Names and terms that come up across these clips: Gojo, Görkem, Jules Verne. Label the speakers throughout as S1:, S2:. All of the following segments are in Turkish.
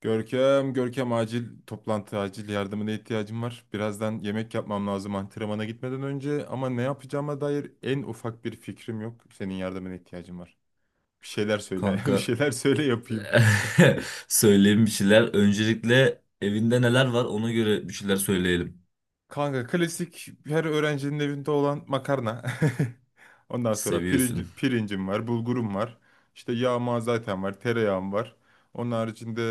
S1: Görkem, acil toplantı, acil yardımına ihtiyacım var. Birazdan yemek yapmam lazım antrenmana gitmeden önce ama ne yapacağıma dair en ufak bir fikrim yok. Senin yardımına ihtiyacım var. Bir şeyler söyle, bir
S2: Kanka
S1: şeyler söyle yapayım.
S2: söyleyeyim bir şeyler. Öncelikle evinde neler var ona göre bir şeyler söyleyelim.
S1: Kanka klasik her öğrencinin evinde olan makarna. Ondan sonra
S2: Seviyorsun.
S1: pirinci, pirincim var, bulgurum var. İşte yağma zaten var, tereyağım var. Onun haricinde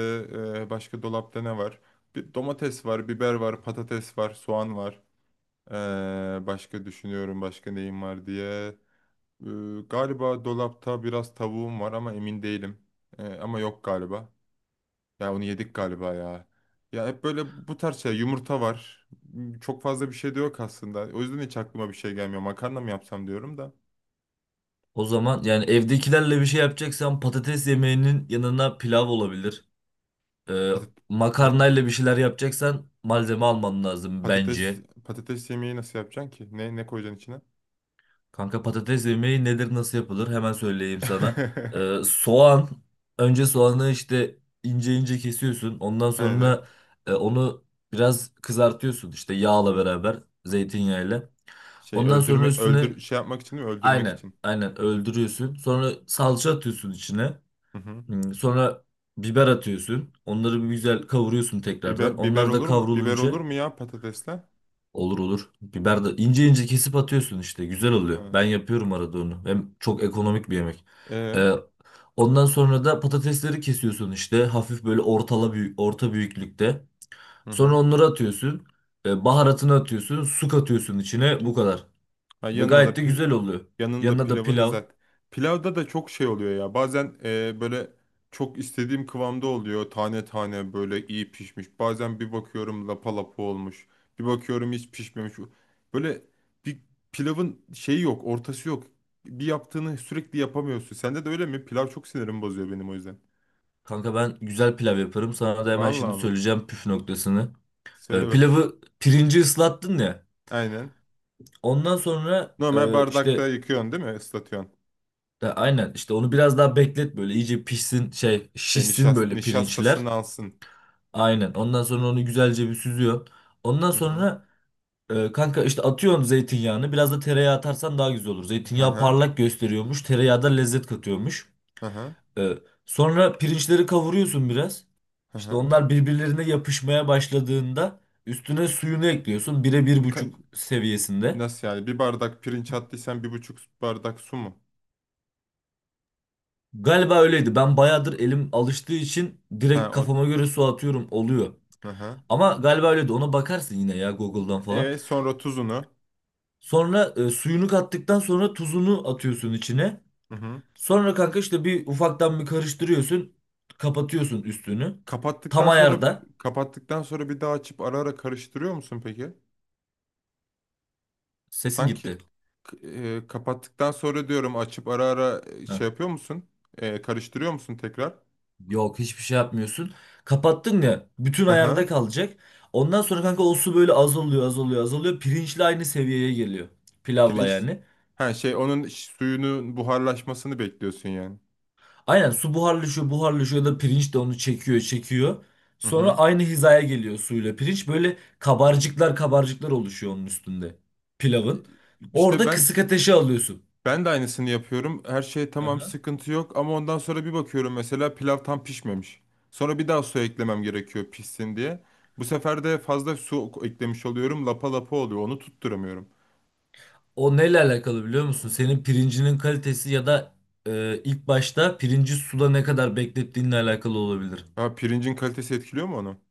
S1: başka dolapta ne var? Bir domates var, biber var, patates var, soğan var. Başka düşünüyorum başka neyim var diye. Ee, galiba dolapta biraz tavuğum var ama emin değilim. Ama yok galiba. Ya onu yedik galiba ya. Ya hep böyle bu tarz şey yumurta var. Çok fazla bir şey de yok aslında. O yüzden hiç aklıma bir şey gelmiyor. Makarna mı yapsam diyorum da.
S2: O zaman yani evdekilerle bir şey yapacaksan patates yemeğinin yanına pilav olabilir. Ee,
S1: Patat- pat-
S2: Makarnayla bir şeyler yapacaksan malzeme alman lazım
S1: patates
S2: bence.
S1: patates yemeği nasıl yapacaksın ki? Ne koyacaksın içine?
S2: Kanka patates yemeği nedir nasıl yapılır hemen söyleyeyim sana. Soğan Önce soğanı işte ince ince kesiyorsun. Ondan
S1: Aynen.
S2: sonra onu biraz kızartıyorsun işte yağla beraber zeytinyağıyla.
S1: Şey
S2: Ondan sonra
S1: öldürmek
S2: üstüne
S1: öldür şey yapmak için mi? Öldürmek
S2: aynen
S1: için.
S2: aynen öldürüyorsun. Sonra salça atıyorsun içine.
S1: Hı hı.
S2: Sonra biber atıyorsun. Onları bir güzel kavuruyorsun tekrardan.
S1: Biber
S2: Onlar da
S1: olur mu? Biber
S2: kavrulunca
S1: olur mu ya patatesle?
S2: olur olur. Biber de ince ince kesip atıyorsun işte. Güzel oluyor.
S1: Ha.
S2: Ben yapıyorum arada onu. Hem çok ekonomik bir yemek.
S1: Ee,
S2: Ee, Ondan sonra da patatesleri kesiyorsun işte. Hafif böyle ortala büyük, orta büyüklükte.
S1: hı
S2: Sonra
S1: hı.
S2: onları atıyorsun. Baharatını atıyorsun. Su katıyorsun içine. Bu kadar.
S1: Ha,
S2: Ve
S1: yanına da
S2: gayet de güzel oluyor.
S1: yanında
S2: Yanına da
S1: pilavını
S2: pilav.
S1: zaten. Pilavda da çok şey oluyor ya. Bazen böyle çok istediğim kıvamda oluyor. Tane tane böyle iyi pişmiş. Bazen bir bakıyorum lapa lapa olmuş. Bir bakıyorum hiç pişmemiş. Böyle bir pilavın şeyi yok, ortası yok. Bir yaptığını sürekli yapamıyorsun. Sende de öyle mi? Pilav çok sinirimi bozuyor benim o yüzden.
S2: Kanka ben güzel pilav yaparım. Sana da hemen şimdi
S1: Vallahi mı?
S2: söyleyeceğim püf noktasını.
S1: Söyle bakayım.
S2: Pilavı Pirinci ıslattın ya.
S1: Aynen.
S2: Ondan sonra
S1: Normal bardakta
S2: işte.
S1: yıkıyorsun değil mi? Islatıyorsun.
S2: Aynen işte onu biraz daha beklet böyle iyice pişsin
S1: Şey,
S2: şişsin
S1: nişast
S2: böyle pirinçler.
S1: nişastasını alsın.
S2: Aynen ondan sonra onu güzelce bir süzüyorsun. Ondan
S1: Hı hı.
S2: sonra kanka işte atıyorsun zeytinyağını, biraz da tereyağı atarsan daha güzel olur.
S1: Hı
S2: Zeytinyağı
S1: hı.
S2: parlak gösteriyormuş, tereyağı da lezzet katıyormuş.
S1: Hı hı.
S2: E, Sonra pirinçleri kavuruyorsun biraz.
S1: Hı
S2: İşte
S1: hı.
S2: onlar birbirlerine yapışmaya başladığında üstüne suyunu ekliyorsun, bire bir
S1: Ne ka-
S2: buçuk seviyesinde.
S1: Nasıl yani? Bir bardak pirinç attıysan bir buçuk bardak su mu?
S2: Galiba öyleydi, ben bayağıdır elim alıştığı için
S1: Ha
S2: direkt
S1: o.
S2: kafama göre su atıyorum, oluyor.
S1: Hı hı.
S2: Ama galiba öyle, de ona bakarsın yine ya, Google'dan falan.
S1: E sonra tuzunu.
S2: Sonra suyunu kattıktan sonra tuzunu atıyorsun içine.
S1: Hı hı.
S2: Sonra kanka işte bir ufaktan bir karıştırıyorsun. Kapatıyorsun üstünü. Tam
S1: Kapattıktan sonra
S2: ayarda.
S1: kapattıktan sonra bir daha açıp ara ara karıştırıyor musun peki?
S2: Sesin
S1: Sanki
S2: gitti.
S1: kapattıktan sonra diyorum açıp ara ara
S2: Heh.
S1: şey yapıyor musun? Karıştırıyor musun tekrar?
S2: Yok, hiçbir şey yapmıyorsun. Kapattın ya, bütün
S1: Hı hı.
S2: ayarda kalacak. Ondan sonra kanka o su böyle azalıyor azalıyor azalıyor. Pirinçle aynı seviyeye geliyor. Pilavla
S1: Pirinç
S2: yani.
S1: ha şey onun suyunun buharlaşmasını bekliyorsun yani.
S2: Aynen, su buharlaşıyor, buharlaşıyor da pirinç de onu çekiyor, çekiyor.
S1: Hı
S2: Sonra
S1: hı.
S2: aynı hizaya geliyor suyla pirinç. Böyle kabarcıklar kabarcıklar oluşuyor onun üstünde, pilavın.
S1: İşte
S2: Orada
S1: ben
S2: kısık ateşe alıyorsun.
S1: ben de aynısını yapıyorum. Her şey tamam
S2: Aha.
S1: sıkıntı yok ama ondan sonra bir bakıyorum mesela pilav tam pişmemiş. Sonra bir daha su eklemem gerekiyor pişsin diye. Bu sefer de fazla su eklemiş oluyorum. Lapa lapa oluyor. Onu tutturamıyorum.
S2: O neyle alakalı biliyor musun? Senin pirincinin kalitesi ya da ilk başta pirinci suda ne kadar beklettiğinle alakalı olabilir.
S1: Ha pirincin kalitesi etkiliyor mu onu?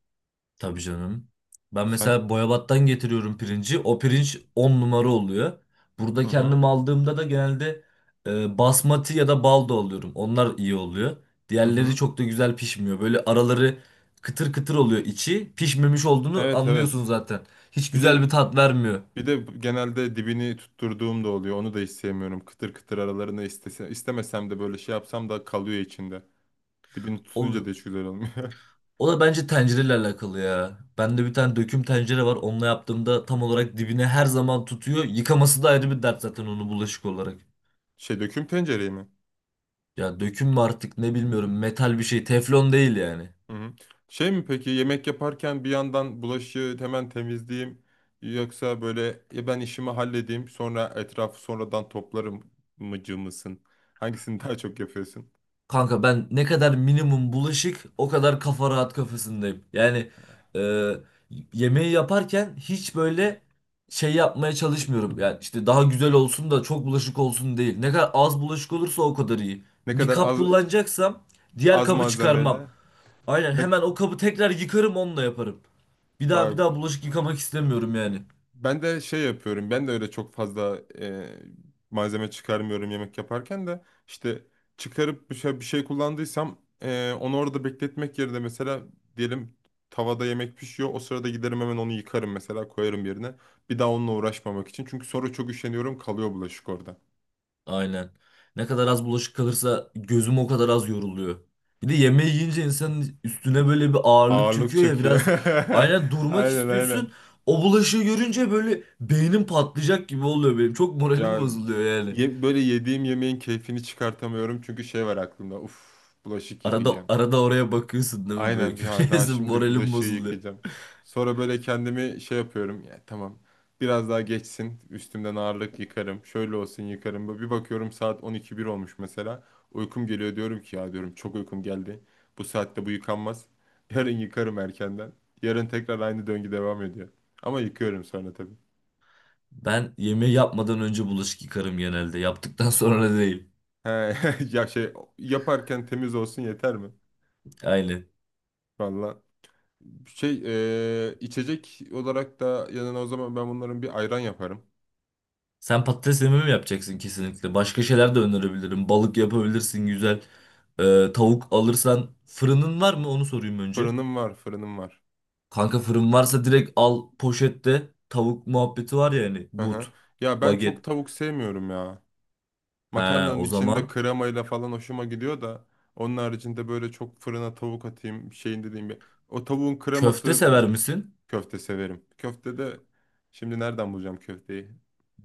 S2: Tabii canım. Ben
S1: Sen.
S2: mesela Boyabat'tan getiriyorum pirinci. O pirinç 10 numara oluyor. Burada
S1: Hı hı.
S2: kendim aldığımda da genelde basmati ya da baldo alıyorum. Onlar iyi oluyor.
S1: Hı
S2: Diğerleri
S1: hı.
S2: çok da güzel pişmiyor. Böyle araları kıtır kıtır oluyor içi. Pişmemiş olduğunu
S1: Evet,
S2: anlıyorsun
S1: evet.
S2: zaten. Hiç
S1: Bir
S2: güzel bir
S1: de
S2: tat vermiyor.
S1: Bir de genelde dibini tutturduğum da oluyor. Onu da hiç sevmiyorum. Kıtır kıtır aralarına istese, istemesem de böyle şey yapsam da kalıyor içinde. Dibini tutunca
S2: O,
S1: da hiç güzel olmuyor.
S2: o da bence tencereyle alakalı ya. Bende bir tane döküm tencere var. Onunla yaptığımda tam olarak dibine her zaman tutuyor. Yıkaması da ayrı bir dert zaten onu, bulaşık olarak.
S1: Şey döküm tencereyi mi?
S2: Ya döküm mü artık ne, bilmiyorum, metal bir şey, teflon değil yani.
S1: Hı hı. Şey mi peki yemek yaparken bir yandan bulaşığı hemen temizleyeyim yoksa böyle ya ben işimi halledeyim sonra etrafı sonradan toplarım mıcı mısın? Hangisini daha çok yapıyorsun?
S2: Kanka ben, ne kadar minimum bulaşık o kadar kafa rahat kafasındayım. Yani e, yemeği yaparken hiç böyle şey yapmaya çalışmıyorum. Yani işte daha güzel olsun da çok bulaşık olsun değil. Ne kadar az bulaşık olursa o kadar iyi.
S1: Ne
S2: Bir
S1: kadar
S2: kap
S1: az
S2: kullanacaksam diğer
S1: az
S2: kabı çıkarmam.
S1: malzemeyle
S2: Aynen
S1: ne,
S2: hemen o kabı tekrar yıkarım, onunla yaparım. Bir daha bir
S1: vay,
S2: daha bulaşık yıkamak istemiyorum yani.
S1: Ben de şey yapıyorum. Ben de öyle çok fazla malzeme çıkarmıyorum yemek yaparken de işte çıkarıp bir şey kullandıysam onu orada bekletmek yerine mesela diyelim tavada yemek pişiyor. O sırada giderim hemen onu yıkarım mesela koyarım yerine. Bir daha onunla uğraşmamak için. Çünkü sonra çok üşeniyorum kalıyor bulaşık orada.
S2: Aynen. Ne kadar az bulaşık kalırsa gözüm o kadar az yoruluyor. Bir de yemeği yiyince insanın üstüne böyle bir ağırlık
S1: Ağırlık
S2: çöküyor ya
S1: çekiyor.
S2: biraz, aynen, durmak
S1: Aynen, aynen.
S2: istiyorsun. O bulaşığı görünce böyle beynim patlayacak gibi oluyor benim. Çok moralim
S1: Ya
S2: bozuluyor yani.
S1: böyle yediğim yemeğin keyfini çıkartamıyorum çünkü şey var aklımda. Uf bulaşık
S2: Arada
S1: yıkayacağım.
S2: arada oraya bakıyorsun değil mi böyle,
S1: Aynen bir ha, daha
S2: görüyorsun,
S1: şimdi
S2: moralim
S1: bulaşığı
S2: bozuluyor.
S1: yıkayacağım. Sonra böyle kendimi şey yapıyorum. Ya tamam. Biraz daha geçsin. Üstümden ağırlık yıkarım. Şöyle olsun yıkarım. Böyle bir bakıyorum saat 12.1 olmuş mesela. Uykum geliyor diyorum ki ya diyorum çok uykum geldi. Bu saatte bu yıkanmaz. Yarın yıkarım erkenden. Yarın tekrar aynı döngü devam ediyor. Ama yıkıyorum sonra tabii.
S2: Ben yemeği yapmadan önce bulaşık yıkarım genelde. Yaptıktan sonra da değil.
S1: He, ya şey yaparken temiz olsun yeter mi?
S2: Aynen.
S1: Valla içecek olarak da yanına o zaman ben bunların bir ayran yaparım.
S2: Sen patates yememi mi yapacaksın kesinlikle? Başka şeyler de önerebilirim. Balık yapabilirsin, güzel. Tavuk alırsan fırının var mı? Onu sorayım önce.
S1: Fırınım var, fırınım var.
S2: Kanka fırın varsa direkt al poşette. Tavuk muhabbeti var ya, hani
S1: Hı
S2: but,
S1: hı. Ya ben çok
S2: baget.
S1: tavuk sevmiyorum ya.
S2: He,
S1: Makarnanın
S2: o zaman
S1: içinde kremayla falan hoşuma gidiyor da onun haricinde böyle çok fırına tavuk atayım şeyin dediğim bir. O tavuğun
S2: köfte
S1: kreması
S2: sever
S1: bir
S2: misin?
S1: köfte severim. Köfte de şimdi nereden bulacağım köfteyi?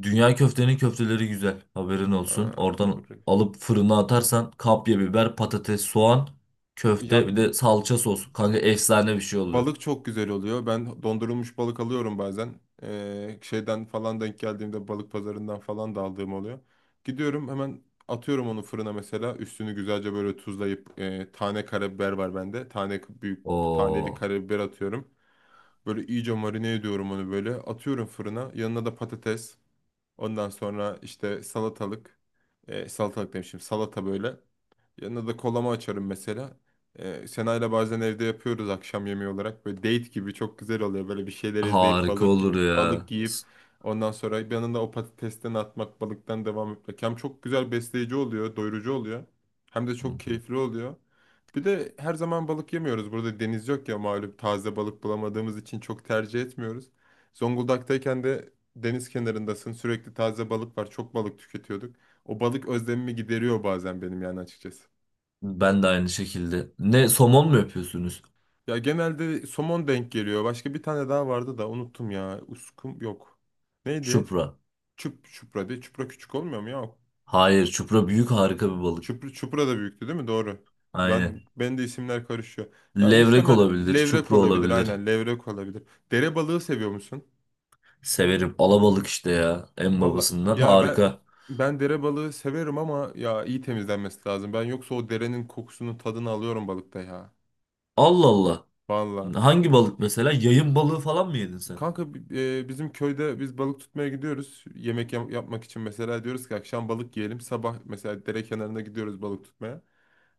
S2: Dünya Köftenin köfteleri güzel. Haberin olsun.
S1: Aa,
S2: Oradan alıp fırına atarsan kapya biber, patates, soğan,
S1: ya
S2: köfte, bir de salça sos. Kanka efsane bir şey oluyor.
S1: balık çok güzel oluyor. Ben dondurulmuş balık alıyorum bazen. Şeyden falan denk geldiğimde balık pazarından falan da aldığım oluyor. Gidiyorum hemen atıyorum onu fırına mesela. Üstünü güzelce böyle tuzlayıp tane karabiber var bende. Tane büyük taneli
S2: Oo.
S1: karabiber atıyorum. Böyle iyice marine ediyorum onu böyle. Atıyorum fırına. Yanına da patates. Ondan sonra işte salatalık. E, salatalık demişim. Salata böyle. Yanına da kolama açarım mesela. Sena'yla bazen evde yapıyoruz akşam yemeği olarak. Böyle date gibi çok güzel oluyor. Böyle bir şeyler izleyip
S2: Harika
S1: balık
S2: olur
S1: balık
S2: ya.
S1: yiyip ondan sonra yanında o patatesten atmak, balıktan devam etmek. Hem çok güzel besleyici oluyor, doyurucu oluyor. Hem de çok keyifli oluyor. Bir de her zaman balık yemiyoruz. Burada deniz yok ya malum taze balık bulamadığımız için çok tercih etmiyoruz. Zonguldak'tayken de deniz kenarındasın. Sürekli taze balık var. Çok balık tüketiyorduk. O balık özlemimi gideriyor bazen benim yani açıkçası.
S2: Ben de aynı şekilde. Ne, somon mu yapıyorsunuz?
S1: Ya genelde somon denk geliyor. Başka bir tane daha vardı da unuttum ya. Uskum yok. Neydi?
S2: Çupra.
S1: Çupra değil. Çupra küçük olmuyor mu ya?
S2: Hayır, çupra büyük, harika bir balık.
S1: Çupra da büyüktü değil mi? Doğru.
S2: Aynen.
S1: Ben de isimler karışıyor. Ya
S2: Levrek
S1: muhtemelen
S2: olabilir,
S1: levrek
S2: çupra
S1: olabilir.
S2: olabilir.
S1: Aynen levrek olabilir. Dere balığı seviyor musun?
S2: Severim. Alabalık işte ya. En
S1: Valla.
S2: babasından,
S1: Ya ben
S2: harika.
S1: ben dere balığı severim ama ya iyi temizlenmesi lazım. Ben yoksa o derenin kokusunu tadını alıyorum balıkta ya.
S2: Allah Allah.
S1: Valla.
S2: Hangi balık mesela? Yayın balığı falan mı yedin sen?
S1: Kanka bizim köyde biz balık tutmaya gidiyoruz. Yemek yapmak için mesela diyoruz ki akşam balık yiyelim. Sabah mesela dere kenarına gidiyoruz balık tutmaya.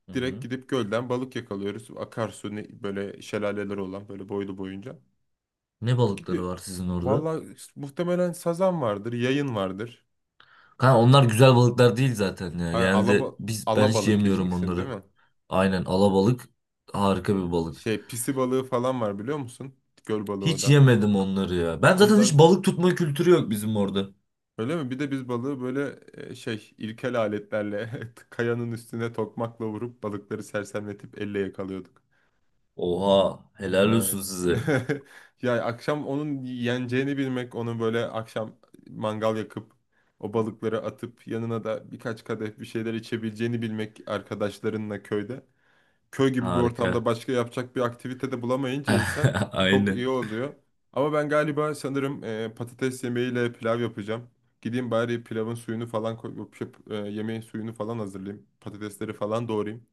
S2: Hı
S1: Direkt
S2: hı.
S1: gidip gölden balık yakalıyoruz. Akarsu ne, böyle şelaleler olan böyle boylu boyunca.
S2: Ne
S1: Gidiyor.
S2: balıkları var sizin orada?
S1: Valla muhtemelen sazan vardır, yayın vardır.
S2: Ha, onlar güzel balıklar değil zaten ya.
S1: Yani
S2: Genelde ben hiç
S1: alabalık
S2: yemiyorum
S1: yiyeceksin değil
S2: onları.
S1: mi?
S2: Aynen, alabalık harika bir balık.
S1: Şey pisi balığı falan var biliyor musun? Göl balığı o
S2: Hiç
S1: da.
S2: yemedim onları ya. Ben, zaten
S1: Onlar
S2: hiç balık tutma kültürü yok bizim orada.
S1: öyle mi? Bir de biz balığı böyle şey ilkel aletlerle kayanın üstüne tokmakla vurup balıkları sersemletip elle yakalıyorduk.
S2: Oha, helal
S1: Evet.
S2: olsun size.
S1: Ya akşam onun yeneceğini bilmek, onu böyle akşam mangal yakıp o balıkları atıp yanına da birkaç kadeh bir şeyler içebileceğini bilmek arkadaşlarınla köyde köy gibi bir
S2: Harika.
S1: ortamda başka yapacak bir aktivite de bulamayınca insan çok
S2: Aynen.
S1: iyi oluyor. Ama ben galiba sanırım patates yemeğiyle pilav yapacağım. Gideyim bari pilavın suyunu falan koyup yemeğin suyunu falan hazırlayayım. Patatesleri falan doğrayayım.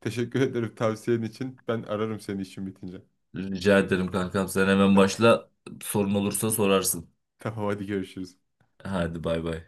S1: Teşekkür ederim tavsiyen için. Ben ararım seni işim bitince.
S2: Rica ederim kankam. Sen hemen
S1: Tamam.
S2: başla. Sorun olursa sorarsın.
S1: Tamam, hadi görüşürüz.
S2: Hadi bay bay.